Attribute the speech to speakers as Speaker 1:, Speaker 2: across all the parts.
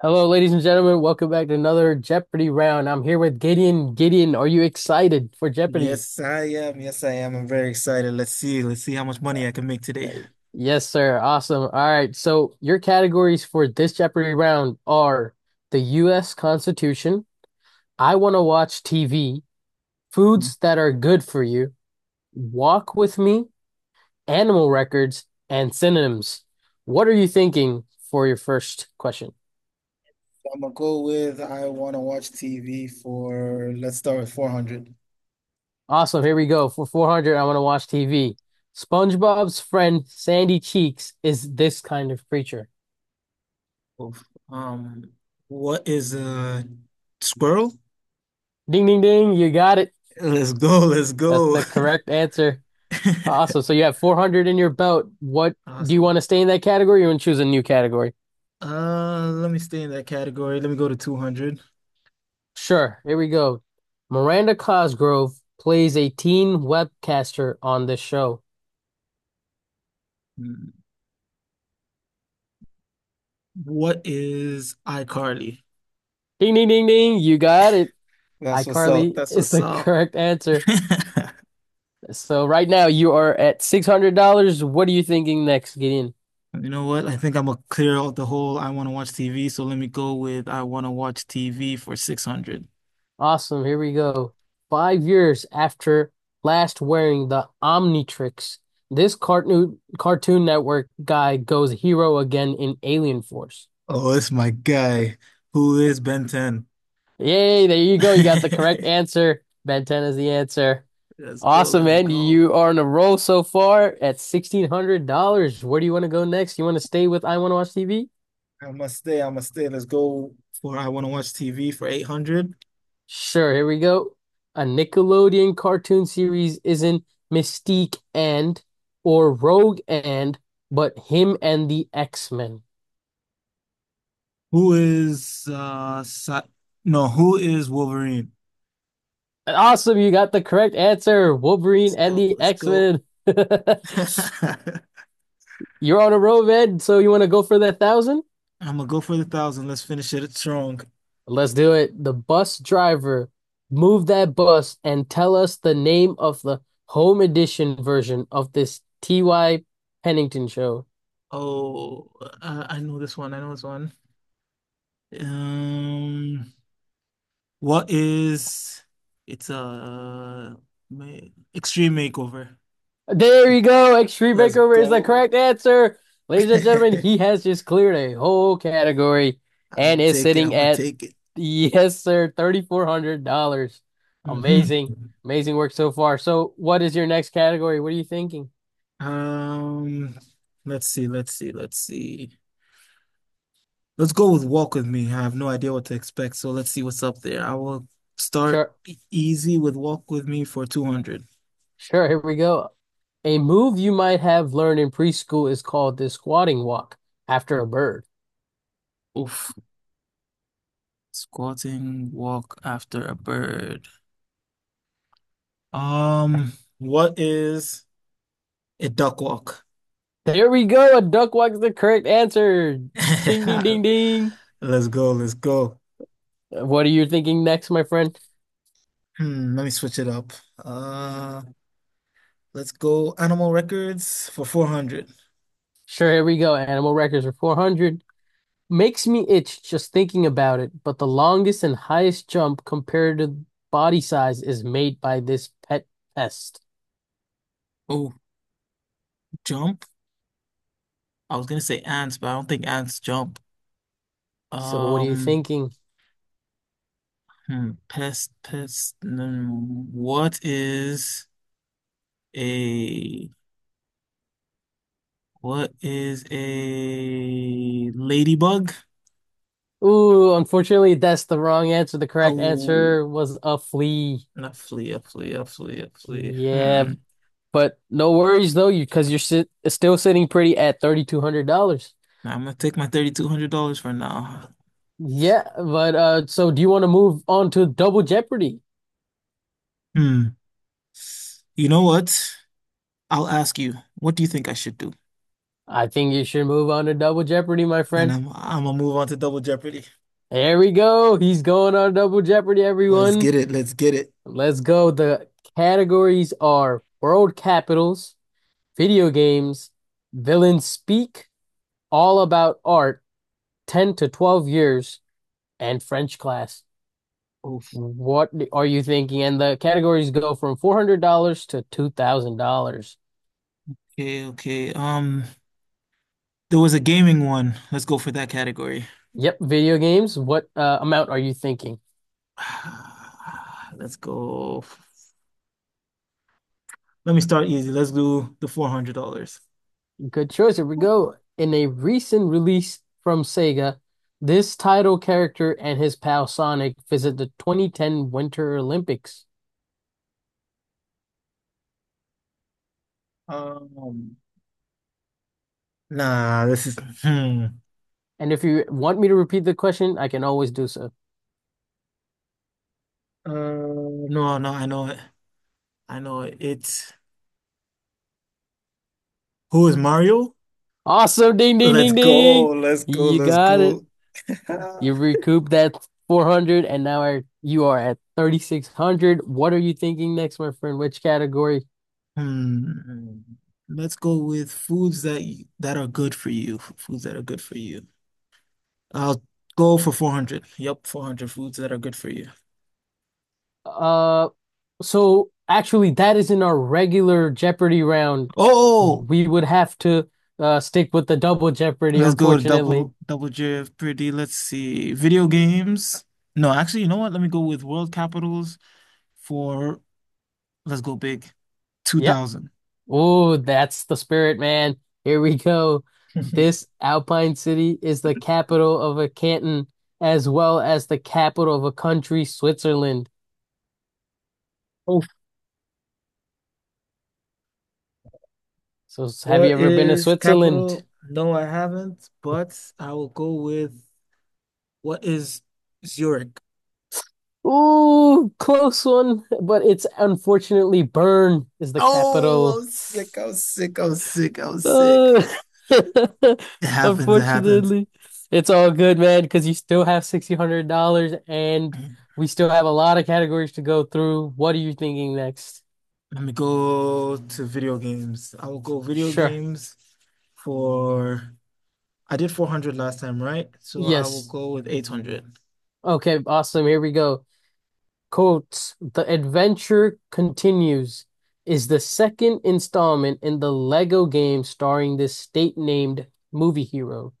Speaker 1: Hello, ladies and gentlemen. Welcome back to another Jeopardy round. I'm here with Gideon. Gideon, are you excited for Jeopardy?
Speaker 2: Yes, I am. Yes, I am. I'm very excited. Let's see. Let's see how much money I can make today.
Speaker 1: Yes, sir. Awesome. All right. So, your categories for this Jeopardy round are the U.S. Constitution, I Want to Watch TV,
Speaker 2: Mm.
Speaker 1: Foods That Are Good for You, Walk with Me, Animal Records, and Synonyms. What are you thinking for your first question?
Speaker 2: I'm gonna go with I want to watch TV for let's start with 400.
Speaker 1: Awesome. Here we go. For 400, I want to watch TV. SpongeBob's friend Sandy Cheeks is this kind of creature.
Speaker 2: Oof. Um, what is a squirrel?
Speaker 1: Ding, ding, ding. You got it.
Speaker 2: Let's go. Let's
Speaker 1: That's
Speaker 2: go.
Speaker 1: the correct answer. Awesome. So you have 400 in your belt. What Do you want
Speaker 2: Awesome.
Speaker 1: to stay in that category or you want to choose a new category?
Speaker 2: Let me stay in that category. Let me go to 200.
Speaker 1: Sure. Here we go. Miranda Cosgrove plays a teen webcaster on the show.
Speaker 2: Hmm. What is iCarly?
Speaker 1: Ding, ding, ding, ding. You got it.
Speaker 2: That's what's up.
Speaker 1: iCarly
Speaker 2: That's
Speaker 1: is
Speaker 2: what's
Speaker 1: the
Speaker 2: up.
Speaker 1: correct answer. So right now you are at $600. What are you thinking next, Gideon?
Speaker 2: You know what? I think I'm gonna clear out the whole I want to watch TV, so let me go with I want to watch TV for 600.
Speaker 1: Awesome. Here we go. 5 years after last wearing the Omnitrix, this Cartoon Network guy goes hero again in Alien Force.
Speaker 2: Oh, it's my guy. Who is Ben 10?
Speaker 1: Yay, there you go. You got the correct answer. Ben 10 is the answer.
Speaker 2: Let's go,
Speaker 1: Awesome,
Speaker 2: let's
Speaker 1: man.
Speaker 2: go.
Speaker 1: You are on a roll so far at $1,600. Where do you want to go next? You want to stay with I Want to Watch TV?
Speaker 2: I must stay, I must stay. Let's go for I want to watch TV for 800.
Speaker 1: Sure, here we go. A Nickelodeon cartoon series isn't Mystique and or Rogue and, but him and the X-Men.
Speaker 2: Who is Sa no, who is Wolverine?
Speaker 1: And Awesome, you got the correct answer. Wolverine
Speaker 2: Let's
Speaker 1: and
Speaker 2: go,
Speaker 1: the
Speaker 2: let's go.
Speaker 1: X-Men.
Speaker 2: I'm
Speaker 1: You're on a roll, Ed, so you want to go for that thousand?
Speaker 2: gonna go for the 1,000. Let's finish it strong.
Speaker 1: Let's do it. The bus driver, move that bus and tell us the name of the home edition version of this T.Y. Pennington show.
Speaker 2: Oh, I know this one. I know this one. Um, What is it's a uh, ma- extreme makeover?
Speaker 1: There
Speaker 2: Ex-
Speaker 1: you go. Extreme
Speaker 2: Let's
Speaker 1: Makeover is the correct
Speaker 2: go.
Speaker 1: answer. Ladies and gentlemen,
Speaker 2: I'm
Speaker 1: he has just cleared a whole category and
Speaker 2: gonna
Speaker 1: is
Speaker 2: take it. I'm
Speaker 1: sitting
Speaker 2: gonna
Speaker 1: at,
Speaker 2: take it.
Speaker 1: yes, sir, $3,400.
Speaker 2: Hmm.
Speaker 1: Amazing. Amazing work so far. So, what is your next category? What are you thinking?
Speaker 2: Um, let's see. Let's see. Let's see. Let's go with Walk With Me. I have no idea what to expect, so let's see what's up there. I will start
Speaker 1: Sure.
Speaker 2: easy with Walk With Me for 200.
Speaker 1: Sure. Here we go. A move you might have learned in preschool is called the squatting walk after a bird.
Speaker 2: Oof. Squatting, walk after a bird. Um, what is a duck walk?
Speaker 1: There we go. A duck walk is the correct answer. Ding, ding, ding, ding.
Speaker 2: Let's go, let's go.
Speaker 1: What are you thinking next, my friend?
Speaker 2: Let me switch it up. Let's go Animal Records for 400.
Speaker 1: Sure, here we go. Animal records are 400. Makes me itch just thinking about it, but the longest and highest jump compared to body size is made by this pet pest.
Speaker 2: Oh, jump. I was gonna say ants, but I don't think ants jump.
Speaker 1: So what are you
Speaker 2: Um,
Speaker 1: thinking?
Speaker 2: pest, pest. What is a what is a ladybug?
Speaker 1: Ooh, unfortunately, that's the wrong answer. The correct
Speaker 2: Oh,
Speaker 1: answer was a flea.
Speaker 2: not flea, a flea, a flea, a flea.
Speaker 1: Yeah,
Speaker 2: Hmm.
Speaker 1: but no worries though, you because you're sit still sitting pretty at $3,200.
Speaker 2: Now I'm gonna take my $3,200 for now.
Speaker 1: Yeah, but so do you want to move on to Double Jeopardy?
Speaker 2: Hmm. You know what? I'll ask you, what do you think I should do?
Speaker 1: I think you should move on to Double Jeopardy, my
Speaker 2: Then
Speaker 1: friend.
Speaker 2: I'm gonna move on to Double Jeopardy.
Speaker 1: There we go. He's going on Double Jeopardy,
Speaker 2: Let's
Speaker 1: everyone.
Speaker 2: get it. Let's get it.
Speaker 1: Let's go. The categories are world capitals, video games, villains speak, all about art, 10 to 12 years, and French class. What are you thinking? And the categories go from $400 to $2,000.
Speaker 2: Okay, okay. There was a gaming one. Let's go for that category.
Speaker 1: Yep, video games. What amount are you thinking?
Speaker 2: Let's go. Let me start easy. Let's do the $400.
Speaker 1: Good choice. Here we go. In a recent release from Sega, this title character and his pal Sonic visit the 2010 Winter Olympics.
Speaker 2: Um, nah, this is hmm.
Speaker 1: And if you want me to repeat the question, I can always do so.
Speaker 2: No, no, I know it. I know it. It's who is Mario?
Speaker 1: Awesome. Ding, ding,
Speaker 2: Let's
Speaker 1: ding,
Speaker 2: go.
Speaker 1: ding.
Speaker 2: Let's go.
Speaker 1: You
Speaker 2: Let's
Speaker 1: got it.
Speaker 2: go.
Speaker 1: You recouped that 400 and now you are at 3,600. What are you thinking next, my friend? Which category?
Speaker 2: Hmm. Let's go with foods that that are good for you. Foods that are good for you. I'll go for 400. Yep, 400 foods that are good for you.
Speaker 1: Uh, So actually, that is in our regular Jeopardy round.
Speaker 2: Oh,
Speaker 1: We would have to stick with the double Jeopardy,
Speaker 2: let's go to
Speaker 1: unfortunately.
Speaker 2: double J F pretty. Let's see. Video games. No, actually, you know what? Let me go with world capitals for let's go big.
Speaker 1: Yep.
Speaker 2: 2000.
Speaker 1: Oh, that's the spirit, man. Here we go. This Alpine city is the capital of a canton as well as the capital of a country, Switzerland. So, have you
Speaker 2: What
Speaker 1: ever been to
Speaker 2: is
Speaker 1: Switzerland?
Speaker 2: capital? No, I haven't, but I will go with what is Zurich?
Speaker 1: Ooh, close one, but it's unfortunately Bern is the
Speaker 2: Oh,
Speaker 1: capital.
Speaker 2: I'm sick. I'm sick. I'm sick. I'm sick.
Speaker 1: Uh,
Speaker 2: It happens. It happens.
Speaker 1: Unfortunately, it's all good, man, because you still have $1,600 and we still have a lot of categories to go through. What are you thinking next?
Speaker 2: Let me go to video games. I will go video
Speaker 1: Sure.
Speaker 2: games for I did 400 last time, right? So I will
Speaker 1: Yes.
Speaker 2: go with 800.
Speaker 1: Okay, awesome. Here we go. Quotes, The Adventure Continues is the second installment in the Lego game starring this state-named movie hero.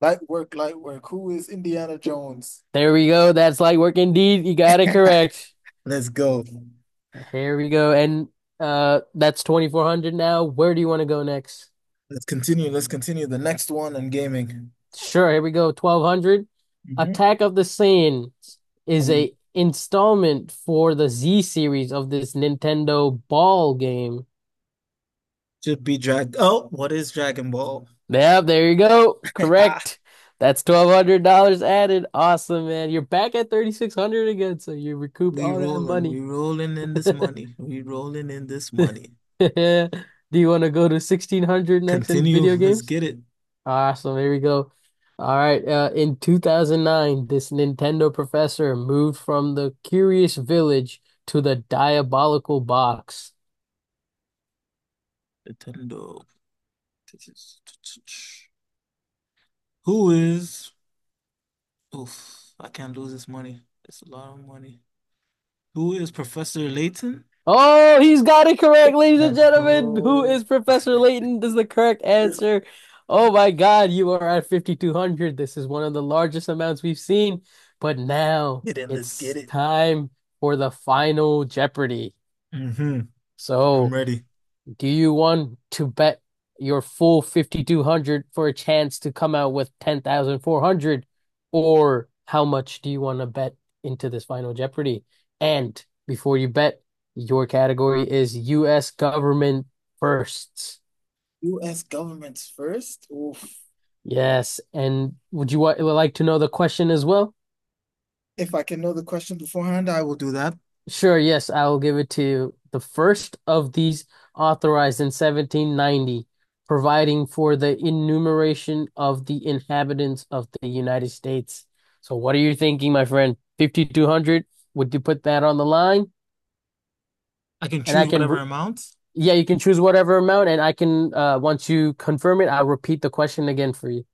Speaker 2: Light work, light work. Who is Indiana Jones?
Speaker 1: There we go. That's light work indeed. You got it correct.
Speaker 2: Let's go.
Speaker 1: Here we go. And that's 2,400 now. Where do you want to go next?
Speaker 2: Let's continue. Let's continue the next one on gaming.
Speaker 1: Sure, here we go. 1,200.
Speaker 2: Mhm.
Speaker 1: Attack of the Saiyans is
Speaker 2: Um,
Speaker 1: a installment for the Z series of this Nintendo ball game.
Speaker 2: Should be drag. Oh, what is Dragon Ball?
Speaker 1: Yeah, there you go. Correct. That's $1,200 added. Awesome, man. You're back at 3,600 again, so you recouped
Speaker 2: We
Speaker 1: all that
Speaker 2: rolling, we
Speaker 1: money.
Speaker 2: rolling in this money. We rolling in this money.
Speaker 1: Do you want to go to 1,600 next in
Speaker 2: Continue.
Speaker 1: video
Speaker 2: Let's
Speaker 1: games?
Speaker 2: get it.
Speaker 1: Awesome. Here we go. All right. In 2009, this Nintendo professor moved from the Curious Village to the Diabolical Box.
Speaker 2: Nintendo. Who is? Oof, I can't lose this money. It's a lot of money. Who is Professor Layton?
Speaker 1: Oh, he's got it correct, ladies and
Speaker 2: Let's
Speaker 1: gentlemen. Who
Speaker 2: go.
Speaker 1: is Professor Layton? This is the correct answer. Oh my God, you are at 5,200. This is one of the largest amounts we've seen. But now
Speaker 2: Get in, let's get
Speaker 1: it's
Speaker 2: it.
Speaker 1: time for the final Jeopardy.
Speaker 2: Hmm. I'm
Speaker 1: So.
Speaker 2: ready.
Speaker 1: Do you want to bet your full 5,200 for a chance to come out with 10,400? Or how much do you want to bet into this final Jeopardy? And before you bet, your category is US government firsts.
Speaker 2: US governments first. Oof.
Speaker 1: Yes. And would you like to know the question as well?
Speaker 2: If I can know the question beforehand, I will do that.
Speaker 1: Sure, yes, I will give it to you. The first of these authorized in 1790, providing for the enumeration of the inhabitants of the United States. So, what are you thinking, my friend? 5,200? Would you put that on the line?
Speaker 2: I can
Speaker 1: And
Speaker 2: choose
Speaker 1: I can,
Speaker 2: whatever
Speaker 1: re-
Speaker 2: amount.
Speaker 1: Yeah, you can choose whatever amount, and I can, once you confirm it, I'll repeat the question again for you.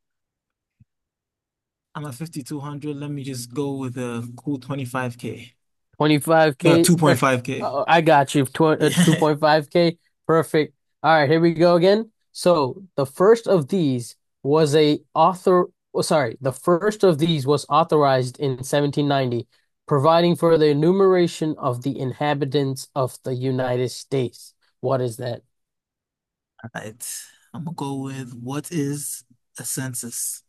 Speaker 2: I'm at 5,200. Let me just go with a cool 25K. No,
Speaker 1: 25K.
Speaker 2: 2.5K.
Speaker 1: Oh, I got you. Tw
Speaker 2: Yeah.
Speaker 1: 2.5K. Perfect. All right, here we go again. So the first of these was a author. Oh, sorry, the first of these was authorized in 1790, providing for the enumeration of the inhabitants of the United States. What is that?
Speaker 2: All right. I'm gonna go with what is a census?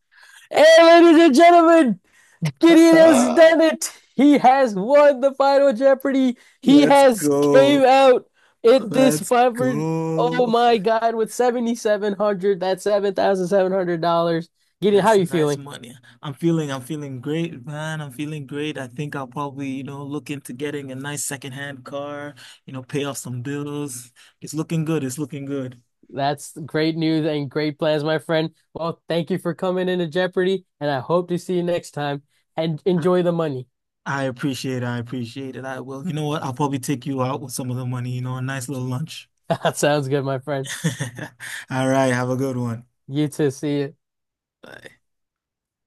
Speaker 1: Hey, ladies and gentlemen, Gideon has
Speaker 2: Aha,
Speaker 1: done it. He has won the final Jeopardy. He
Speaker 2: let's
Speaker 1: has came
Speaker 2: go.
Speaker 1: out at this
Speaker 2: Let's
Speaker 1: fiver. Oh
Speaker 2: go.
Speaker 1: my God, with 7,700, dollars, that's $7,700. Gideon, how are
Speaker 2: That's
Speaker 1: you
Speaker 2: nice
Speaker 1: feeling?
Speaker 2: money. I'm feeling great, man. I'm feeling great. I think I'll probably, look into getting a nice secondhand car, pay off some bills. It's looking good. It's looking good.
Speaker 1: That's great news and great plans, my friend. Well, thank you for coming into Jeopardy, and I hope to see you next time. And
Speaker 2: I,
Speaker 1: enjoy the money.
Speaker 2: I appreciate it. I appreciate it. I will. You know what? I'll probably take you out with some of the money, a nice little lunch.
Speaker 1: That sounds good, my friend.
Speaker 2: All right, have a good one.
Speaker 1: You too. See you.
Speaker 2: Bye.